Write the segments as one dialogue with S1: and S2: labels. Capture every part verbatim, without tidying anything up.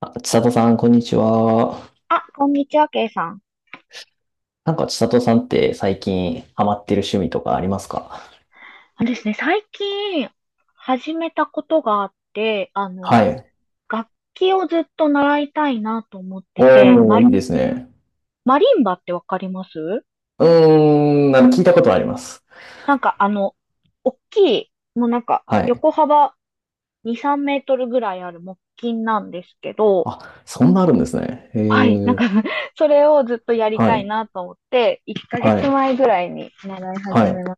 S1: あ、千里さん、こんにちは。
S2: あ、こんにちは、ケイさん。
S1: なんか千里さんって最近ハマってる趣味とかありますか？
S2: あのですね、最近始めたことがあって、あの、
S1: はい。
S2: 楽器をずっと習いたいなと思って
S1: お
S2: て、マ、
S1: ー、いいですね。
S2: マリンバってわかります？
S1: うーん、なんか聞いたことあります。
S2: なんかあの、大きい、もうなんか
S1: はい。
S2: 横幅に、さんメートルぐらいある木琴なんですけど、
S1: あ、そんなあるんですね。へ
S2: はい、なんか
S1: え。
S2: それをずっとやり
S1: は
S2: たい
S1: い。
S2: なと思って、1ヶ
S1: はい。
S2: 月前ぐらいに習い
S1: は
S2: 始
S1: い。
S2: めま。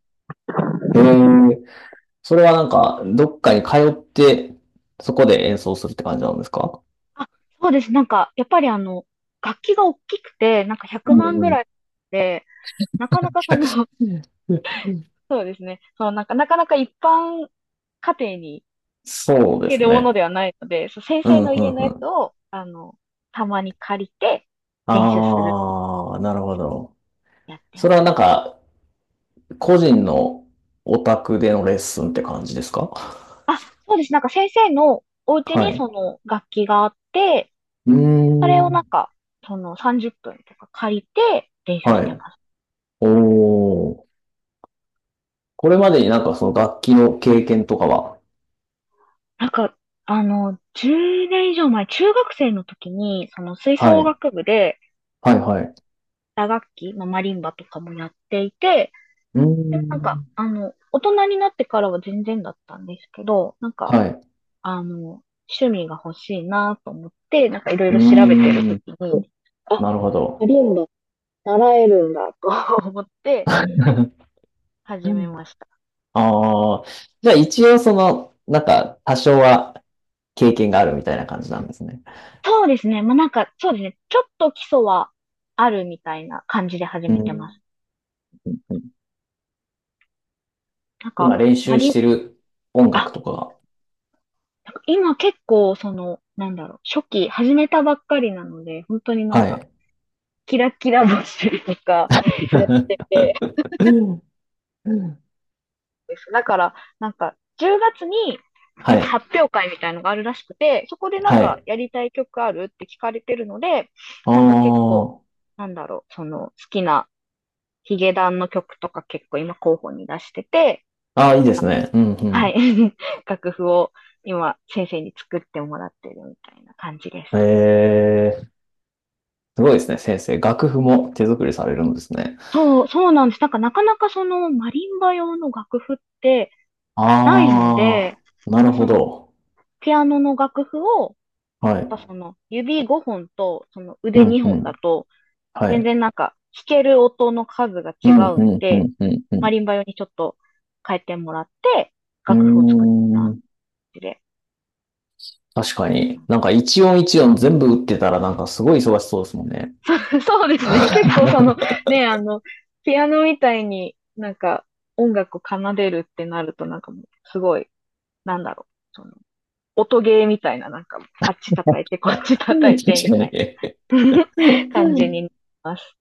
S1: へえ。それはなんか、どっかに通って、そこで演奏するって感じなんですか？
S2: あ、そうです。なんか、やっぱりあの、楽器が大きくて、なんか
S1: う
S2: ひゃくまんぐ
S1: ん
S2: らいで、なかなかその、
S1: うん。
S2: そうですね。そのなんか、なかなか一般家庭に
S1: そう
S2: 置
S1: で
S2: け
S1: す
S2: るもので
S1: ね。
S2: はないので、そう、先
S1: う
S2: 生
S1: ん、
S2: の
S1: う
S2: 家
S1: ん、
S2: の
S1: う
S2: やつ
S1: ん。
S2: を、あの、たまに借りて練習するっ
S1: あー、なるほど。
S2: てやって
S1: そ
S2: ま
S1: れはな
S2: す。
S1: んか、個人のお宅でのレッスンって感じですか？
S2: あ、そうです。なんか先生のお家
S1: は
S2: にそ
S1: い。
S2: の楽器があって、
S1: うー
S2: それをなん
S1: ん。
S2: か、そのさんじゅっぷんとか借りて練習し
S1: は
S2: て
S1: い。
S2: ます。
S1: おー。これまでになんかその楽器の経験とかは？
S2: なんか、あの、じゅうねん以上前、中学生の時に、その吹
S1: は
S2: 奏
S1: い。
S2: 楽部で、
S1: はい
S2: う
S1: は
S2: ん
S1: い。
S2: 打楽器、まあ、マリンバとかもやっていて、
S1: うー
S2: で、なんか、
S1: ん。
S2: あの、大人になってからは全然だったんですけど、なんか、
S1: はい。
S2: あの、趣味が欲しいなと思って、なんかいろい
S1: うー
S2: ろ調べてる時
S1: ん。
S2: に、
S1: なるほ
S2: マ
S1: ど。
S2: リンバ習えるんだと 思って始めました。
S1: あ あ。じゃあ一応その、なんか多少は経験があるみたいな感じなんですね。
S2: そうですね。まあ、なんか、そうですね。ちょっと基礎はあるみたいな感じで始
S1: う
S2: めてま
S1: ん。
S2: す。なん
S1: 今
S2: か、
S1: 練
S2: マ
S1: 習
S2: リ
S1: して
S2: ン、
S1: る音楽
S2: あ、
S1: とかが。
S2: なんか今結構、その、なんだろう、初期始めたばっかりなので、本当になん
S1: は
S2: か、
S1: い。
S2: キラキラ星とかやってて ですだから、なんか、じゅうがつに、なん
S1: は
S2: か
S1: い。
S2: 発表会みたいのがあるらしくて、そこでなん
S1: は
S2: か
S1: い。
S2: やりたい曲あるって聞かれてるので、
S1: あー
S2: なんか結構、
S1: あー。
S2: なんだろう、その好きなヒゲダンの曲とか結構今候補に出してて、
S1: あ、いいですね。うん、う
S2: はい、
S1: ん。
S2: 楽譜を今先生に作ってもらってるみたいな感じです。
S1: えー、すごいですね、先生。楽譜も手作りされるんですね。
S2: そう、そうなんです。なんかなかなかそのマリンバ用の楽譜ってないので、やっ
S1: ああ、なる
S2: ぱ
S1: ほ
S2: その
S1: ど。
S2: ピアノの楽譜を、
S1: は
S2: やっぱ
S1: い。
S2: その指ごほんとその
S1: う
S2: 腕
S1: ん、う
S2: にほんだ
S1: ん。
S2: と、
S1: は
S2: 全
S1: い。
S2: 然なんか弾ける音の数が
S1: う
S2: 違
S1: ん、
S2: う
S1: う
S2: の
S1: ん、う
S2: で、
S1: ん、う
S2: マ
S1: ん、
S2: リンバ用にちょっと変えてもらって、
S1: う
S2: 楽譜を作った
S1: ん。うー
S2: 感
S1: ん。
S2: じで。
S1: 確かに。なんか一音一音全部打ってたら、なんかすごい忙しそうですもんね。
S2: そうそうですね。結構その、
S1: 確
S2: ね、あの、ピアノみたいになんか音楽を奏でるってなるとなんかもうすごい、なんだろう。その音ゲーみたいな、なんか、あっち叩いて、こっち叩いて、み
S1: かに。
S2: たい
S1: え
S2: な 感じになります。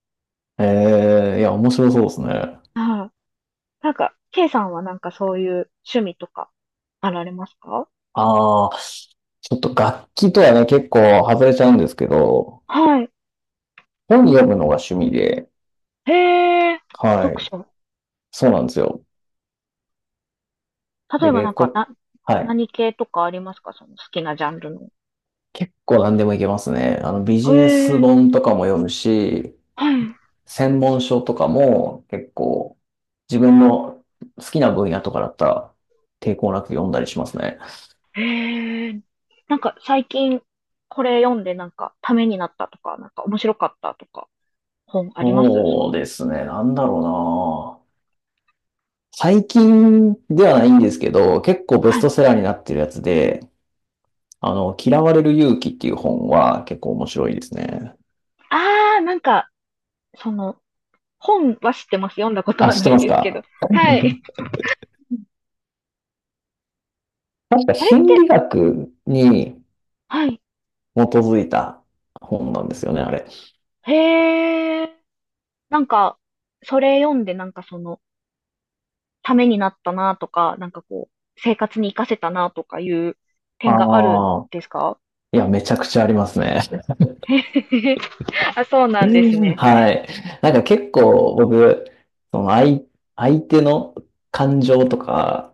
S1: ー、いや、面白そうですね。
S2: はい。なんか、K さんはなんかそういう趣味とか、あられますか？
S1: ああ、ちょっと楽器とはね、結構外れちゃうんですけど、
S2: はい。
S1: 本読むのが趣味で、
S2: へえ、
S1: は
S2: 読
S1: い。
S2: 書。
S1: そうなんですよ。
S2: 例
S1: で、
S2: えばな
S1: 結
S2: んか、
S1: 構、
S2: な、
S1: はい。
S2: 何系とかありますか？その好きなジャンルの。
S1: 結構何でもいけますね。あの、ビ
S2: へ
S1: ジネス
S2: え、
S1: 本とかも読むし、
S2: は
S1: 専門書とかも結構自分の好きな分野とかだったら抵抗なく読んだりしますね。
S2: い。へえ、なんか最近、これ読んでなんか、ためになったとか、なんか面白かったとか、本ありますそう
S1: そう
S2: い
S1: で
S2: う？
S1: すね。なんだろうな。最近ではないんですけど、結構ベス
S2: はい。
S1: トセラーになってるやつで、あの、嫌われる勇気っていう本は結構面白いですね。
S2: ああ、なんか、その、本は知ってます。読んだこと
S1: あ、
S2: は
S1: 知っ
S2: な
S1: て
S2: い
S1: ます
S2: ですけど。
S1: か？
S2: はい。
S1: 確か
S2: あれっ
S1: 心理
S2: て、
S1: 学に
S2: はい。
S1: 基づいた本なんですよね、あれ。
S2: へえ。なんか、それ読んで、なんかその、ためになったなとか、なんかこう、生活に活かせたなとかいう点があるん
S1: ああ、
S2: ですか？
S1: いや、めちゃくちゃありますね。
S2: あ、そうなんです ね。
S1: はい。なんか結構僕、その相、相手の感情とか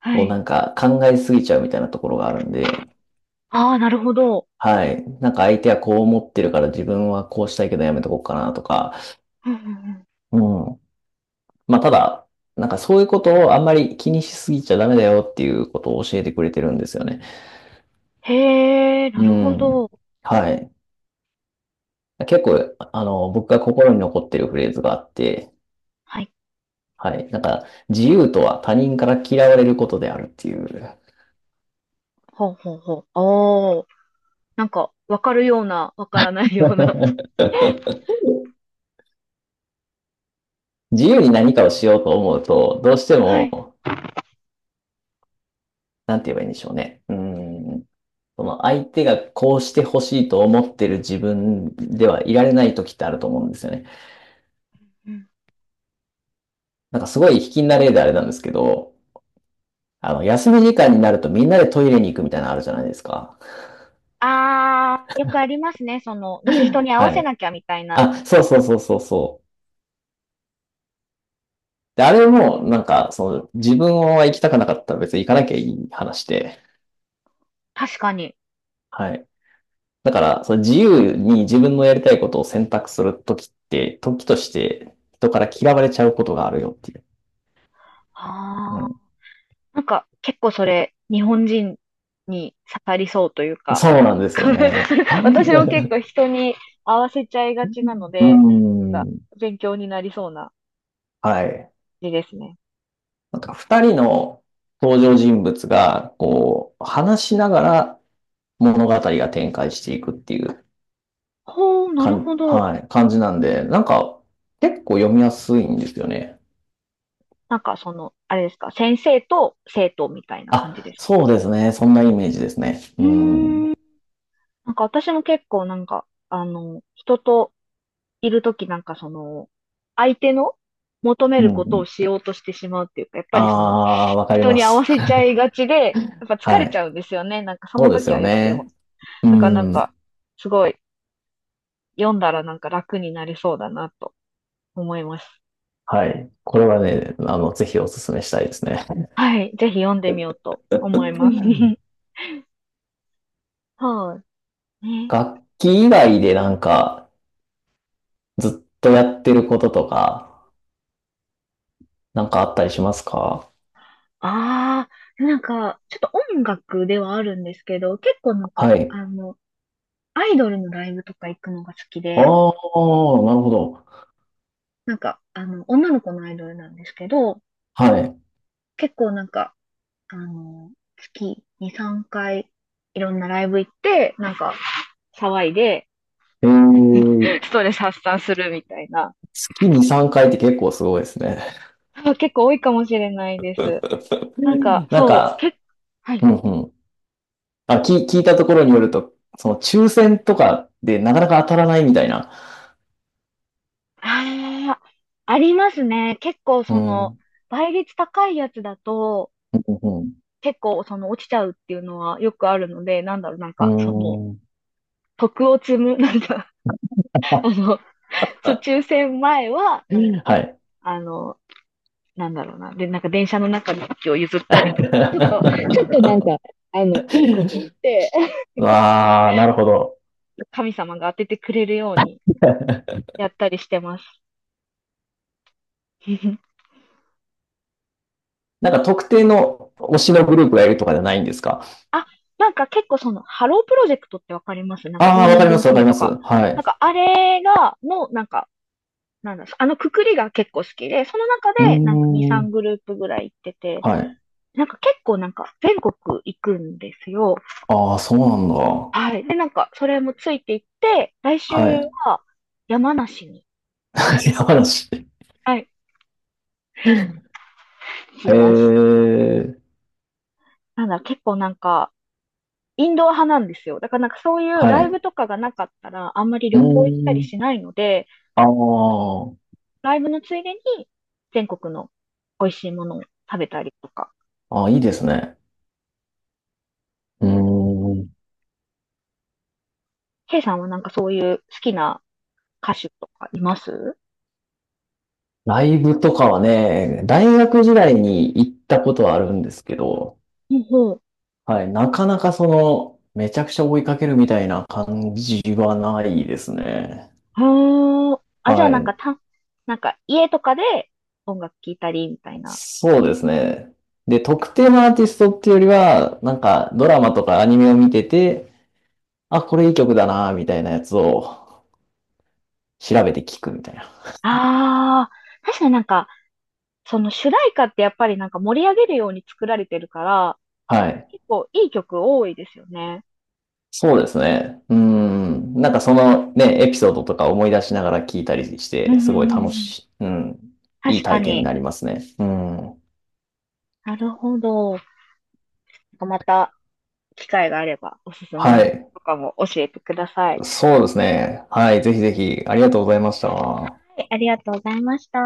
S2: は
S1: をな
S2: い。
S1: んか考えすぎちゃうみたいなところがあるんで、
S2: ああ、なるほど。
S1: はい。なんか相手はこう思ってるから自分はこうしたいけどやめとこうかなとか、
S2: うんうんうん。
S1: うん。まあただ、なんかそういうことをあんまり気にしすぎちゃダメだよっていうことを教えてくれてるんですよね。
S2: へえ、な
S1: う
S2: るほ
S1: ん。
S2: ど。
S1: はい。結構、あの、僕が心に残ってるフレーズがあって、
S2: はい。
S1: はい。なんか、自由とは他人から嫌われることであるっていう。
S2: ほうほうほう。おー。なんか、わかるような、わからないような。
S1: 自由に何かをしようと思うと、どうして
S2: はい。
S1: も、なんて言えばいいんでしょうね。うん。その相手がこうしてほしいと思ってる自分ではいられない時ってあると思うんですよね。
S2: うん。
S1: なんかすごい卑近な例であれなんですけど、あの、休み時間になるとみんなでトイレに行くみたいなのあるじゃないですか。
S2: あー、よくありますね。その、なんか人 に合
S1: は
S2: わせ
S1: い。
S2: なきゃみたいな。
S1: あ、そうそうそうそうそう。で、あれも、なんか、その、自分は行きたくなかったら別に行かなきゃいい話で、
S2: 確かに。
S1: はい。だから、その自由に自分のやりたいことを選択するときって、時として人から嫌われちゃうことがあるよっていう。
S2: あー。
S1: う
S2: なんか結構それ、日本人に刺さりそうという
S1: ん、
S2: か、
S1: そうなんですよね。う
S2: 私も結構人に合わせちゃいがちなの
S1: ー
S2: で、なんか
S1: ん。
S2: 勉強になりそうな
S1: はい。
S2: 字ですね。
S1: なんか、二人の登場人物が、こう、話しながら物語が展開していくっていう
S2: ほう、な
S1: か
S2: る
S1: ん、
S2: ほど。
S1: はい、感じなんで、なんか、結構読みやすいんですよね。
S2: なんかその、あれですか、先生と生徒みたいな感じ
S1: あ、
S2: ですか？
S1: そうですね。そんなイメージですね。
S2: う
S1: う
S2: ー
S1: ん。う
S2: ん。
S1: ん、
S2: なんか私も結構なんか、あの、人といるときなんかその、相手の求めることをしようとしてしまうっていうか、やっぱ
S1: あ
S2: りその、
S1: あ、わかり
S2: 人
S1: ま
S2: に合
S1: す。
S2: わせちゃい がちで、やっぱ疲
S1: は
S2: れち
S1: い。
S2: ゃうんですよね。なんかそ
S1: そ
S2: の
S1: うです
S2: 時は
S1: よ
S2: 良くても。
S1: ね。う
S2: だからなん
S1: ん。
S2: か、すごい、読んだらなんか楽になりそうだなと思います。
S1: はい。これはね、あの、ぜひお勧めしたいですね。
S2: はい。ぜひ読んでみようと
S1: う
S2: 思います。
S1: ん。
S2: はいね。
S1: 楽器以外でなんか、ずっとやってることとか、なんかあったりしますか？
S2: ああ、なんか、ちょっと音楽ではあるんですけど、結構なんか、
S1: はい。
S2: あの、アイドルのライブとか行くのが好き
S1: ああ、
S2: で、
S1: なるほど。
S2: なんか、あの、女の子のアイドルなんですけど、
S1: はい。
S2: 結構なんか、あの、月に、さんかい、いろんなライブ行って、なんか、騒いで、
S1: えー、
S2: ストレス発散するみたいな、
S1: 月に、さんかいって結構すごいですね。
S2: あ結構多いかもしれないです。なんか、
S1: なん
S2: そう、
S1: か、
S2: 結。はい。
S1: うんうん。あ、聞、聞いたところによると、その抽選とかでなかなか当たらないみたいな。
S2: ああ、ありますね。結構
S1: うー
S2: そ
S1: ん、う
S2: の、
S1: ん、
S2: 倍率高いやつだと、結構その落ちちゃうっていうのはよくあるので、なんだろう、なん
S1: う
S2: かその、
S1: ん、うーん。
S2: 徳を積む、なんか、あの、
S1: あ、
S2: 抽選前は、なんか
S1: はい。
S2: あの、なんだろうな。で、なんか電車の中の席を譲ったりとか、ちょっと、ちょっとなんか、あの、いいことをして、
S1: わあ、なるほど。
S2: 神様が当ててくれるように やったりしてます。
S1: なんか特定の推しのグループがいるとかじゃないんですか？
S2: あ、なんか結構その、ハロープロジェクトってわかります？なんか、
S1: あ
S2: モ
S1: あ、
S2: ー
S1: わ
S2: ニ
S1: か
S2: ン
S1: り
S2: グ
S1: ますわか
S2: 娘。
S1: りま
S2: と
S1: す。
S2: か。
S1: は
S2: なん
S1: い。
S2: か、あれが、の、なんか、なんだ、あのくくりが結構好きで、その中
S1: うー
S2: で、なんかに、さん
S1: ん、
S2: グループぐらい行ってて、
S1: はい。
S2: なんか結構なんか、全国行くんですよ。
S1: ああ、そうなんだ。
S2: はい。で、なんか、それもついていって、来週
S1: はい。
S2: は山梨に、
S1: 山梨。
S2: はい、行
S1: へ
S2: きます。
S1: え、
S2: なんだ、結構なんか、インドア派なんですよ。だからなんかそういう
S1: は
S2: ライ
S1: い。
S2: ブとかがなかったら、あんまり
S1: うー
S2: 旅行行ったり
S1: ん、
S2: しないので、その
S1: あ
S2: ライブのついでに全国の美味しいものを食べたりとか。
S1: あ、ああ、いいですね。うーん。
S2: ケイさんはなんかそういう好きな歌手とかいます？
S1: ライブとかはね、大学時代に行ったことはあるんですけど、
S2: ほうほう。
S1: はい、なかなかその、めちゃくちゃ追いかけるみたいな感じはないですね。
S2: あーあ、じゃあ
S1: は
S2: なん
S1: い。
S2: かた、なんか家とかで音楽聴いたりみたいな。
S1: そうですね。で、特定のアーティストっていうよりは、なんかドラマとかアニメを見てて、あ、これいい曲だな、みたいなやつを調べて聞くみたいな。
S2: ああ、確かになんか、その主題歌ってやっぱりなんか盛り上げるように作られてるから、
S1: はい。
S2: 結構いい曲多いですよね。
S1: そうですね。うん。なんかそのね、エピソードとか思い出しながら聞いたりし
S2: うんう
S1: て、
S2: ん
S1: すごい
S2: うんう
S1: 楽
S2: ん。
S1: しい、うん。いい
S2: 確か
S1: 体験に
S2: に。
S1: なりますね。うん。
S2: なるほど。また機会があればおすすめ
S1: は
S2: の曲
S1: い。
S2: とかも教えてください。
S1: そうですね。はい。ぜひぜひ、ありがとうございました。
S2: はい、ありがとうございました。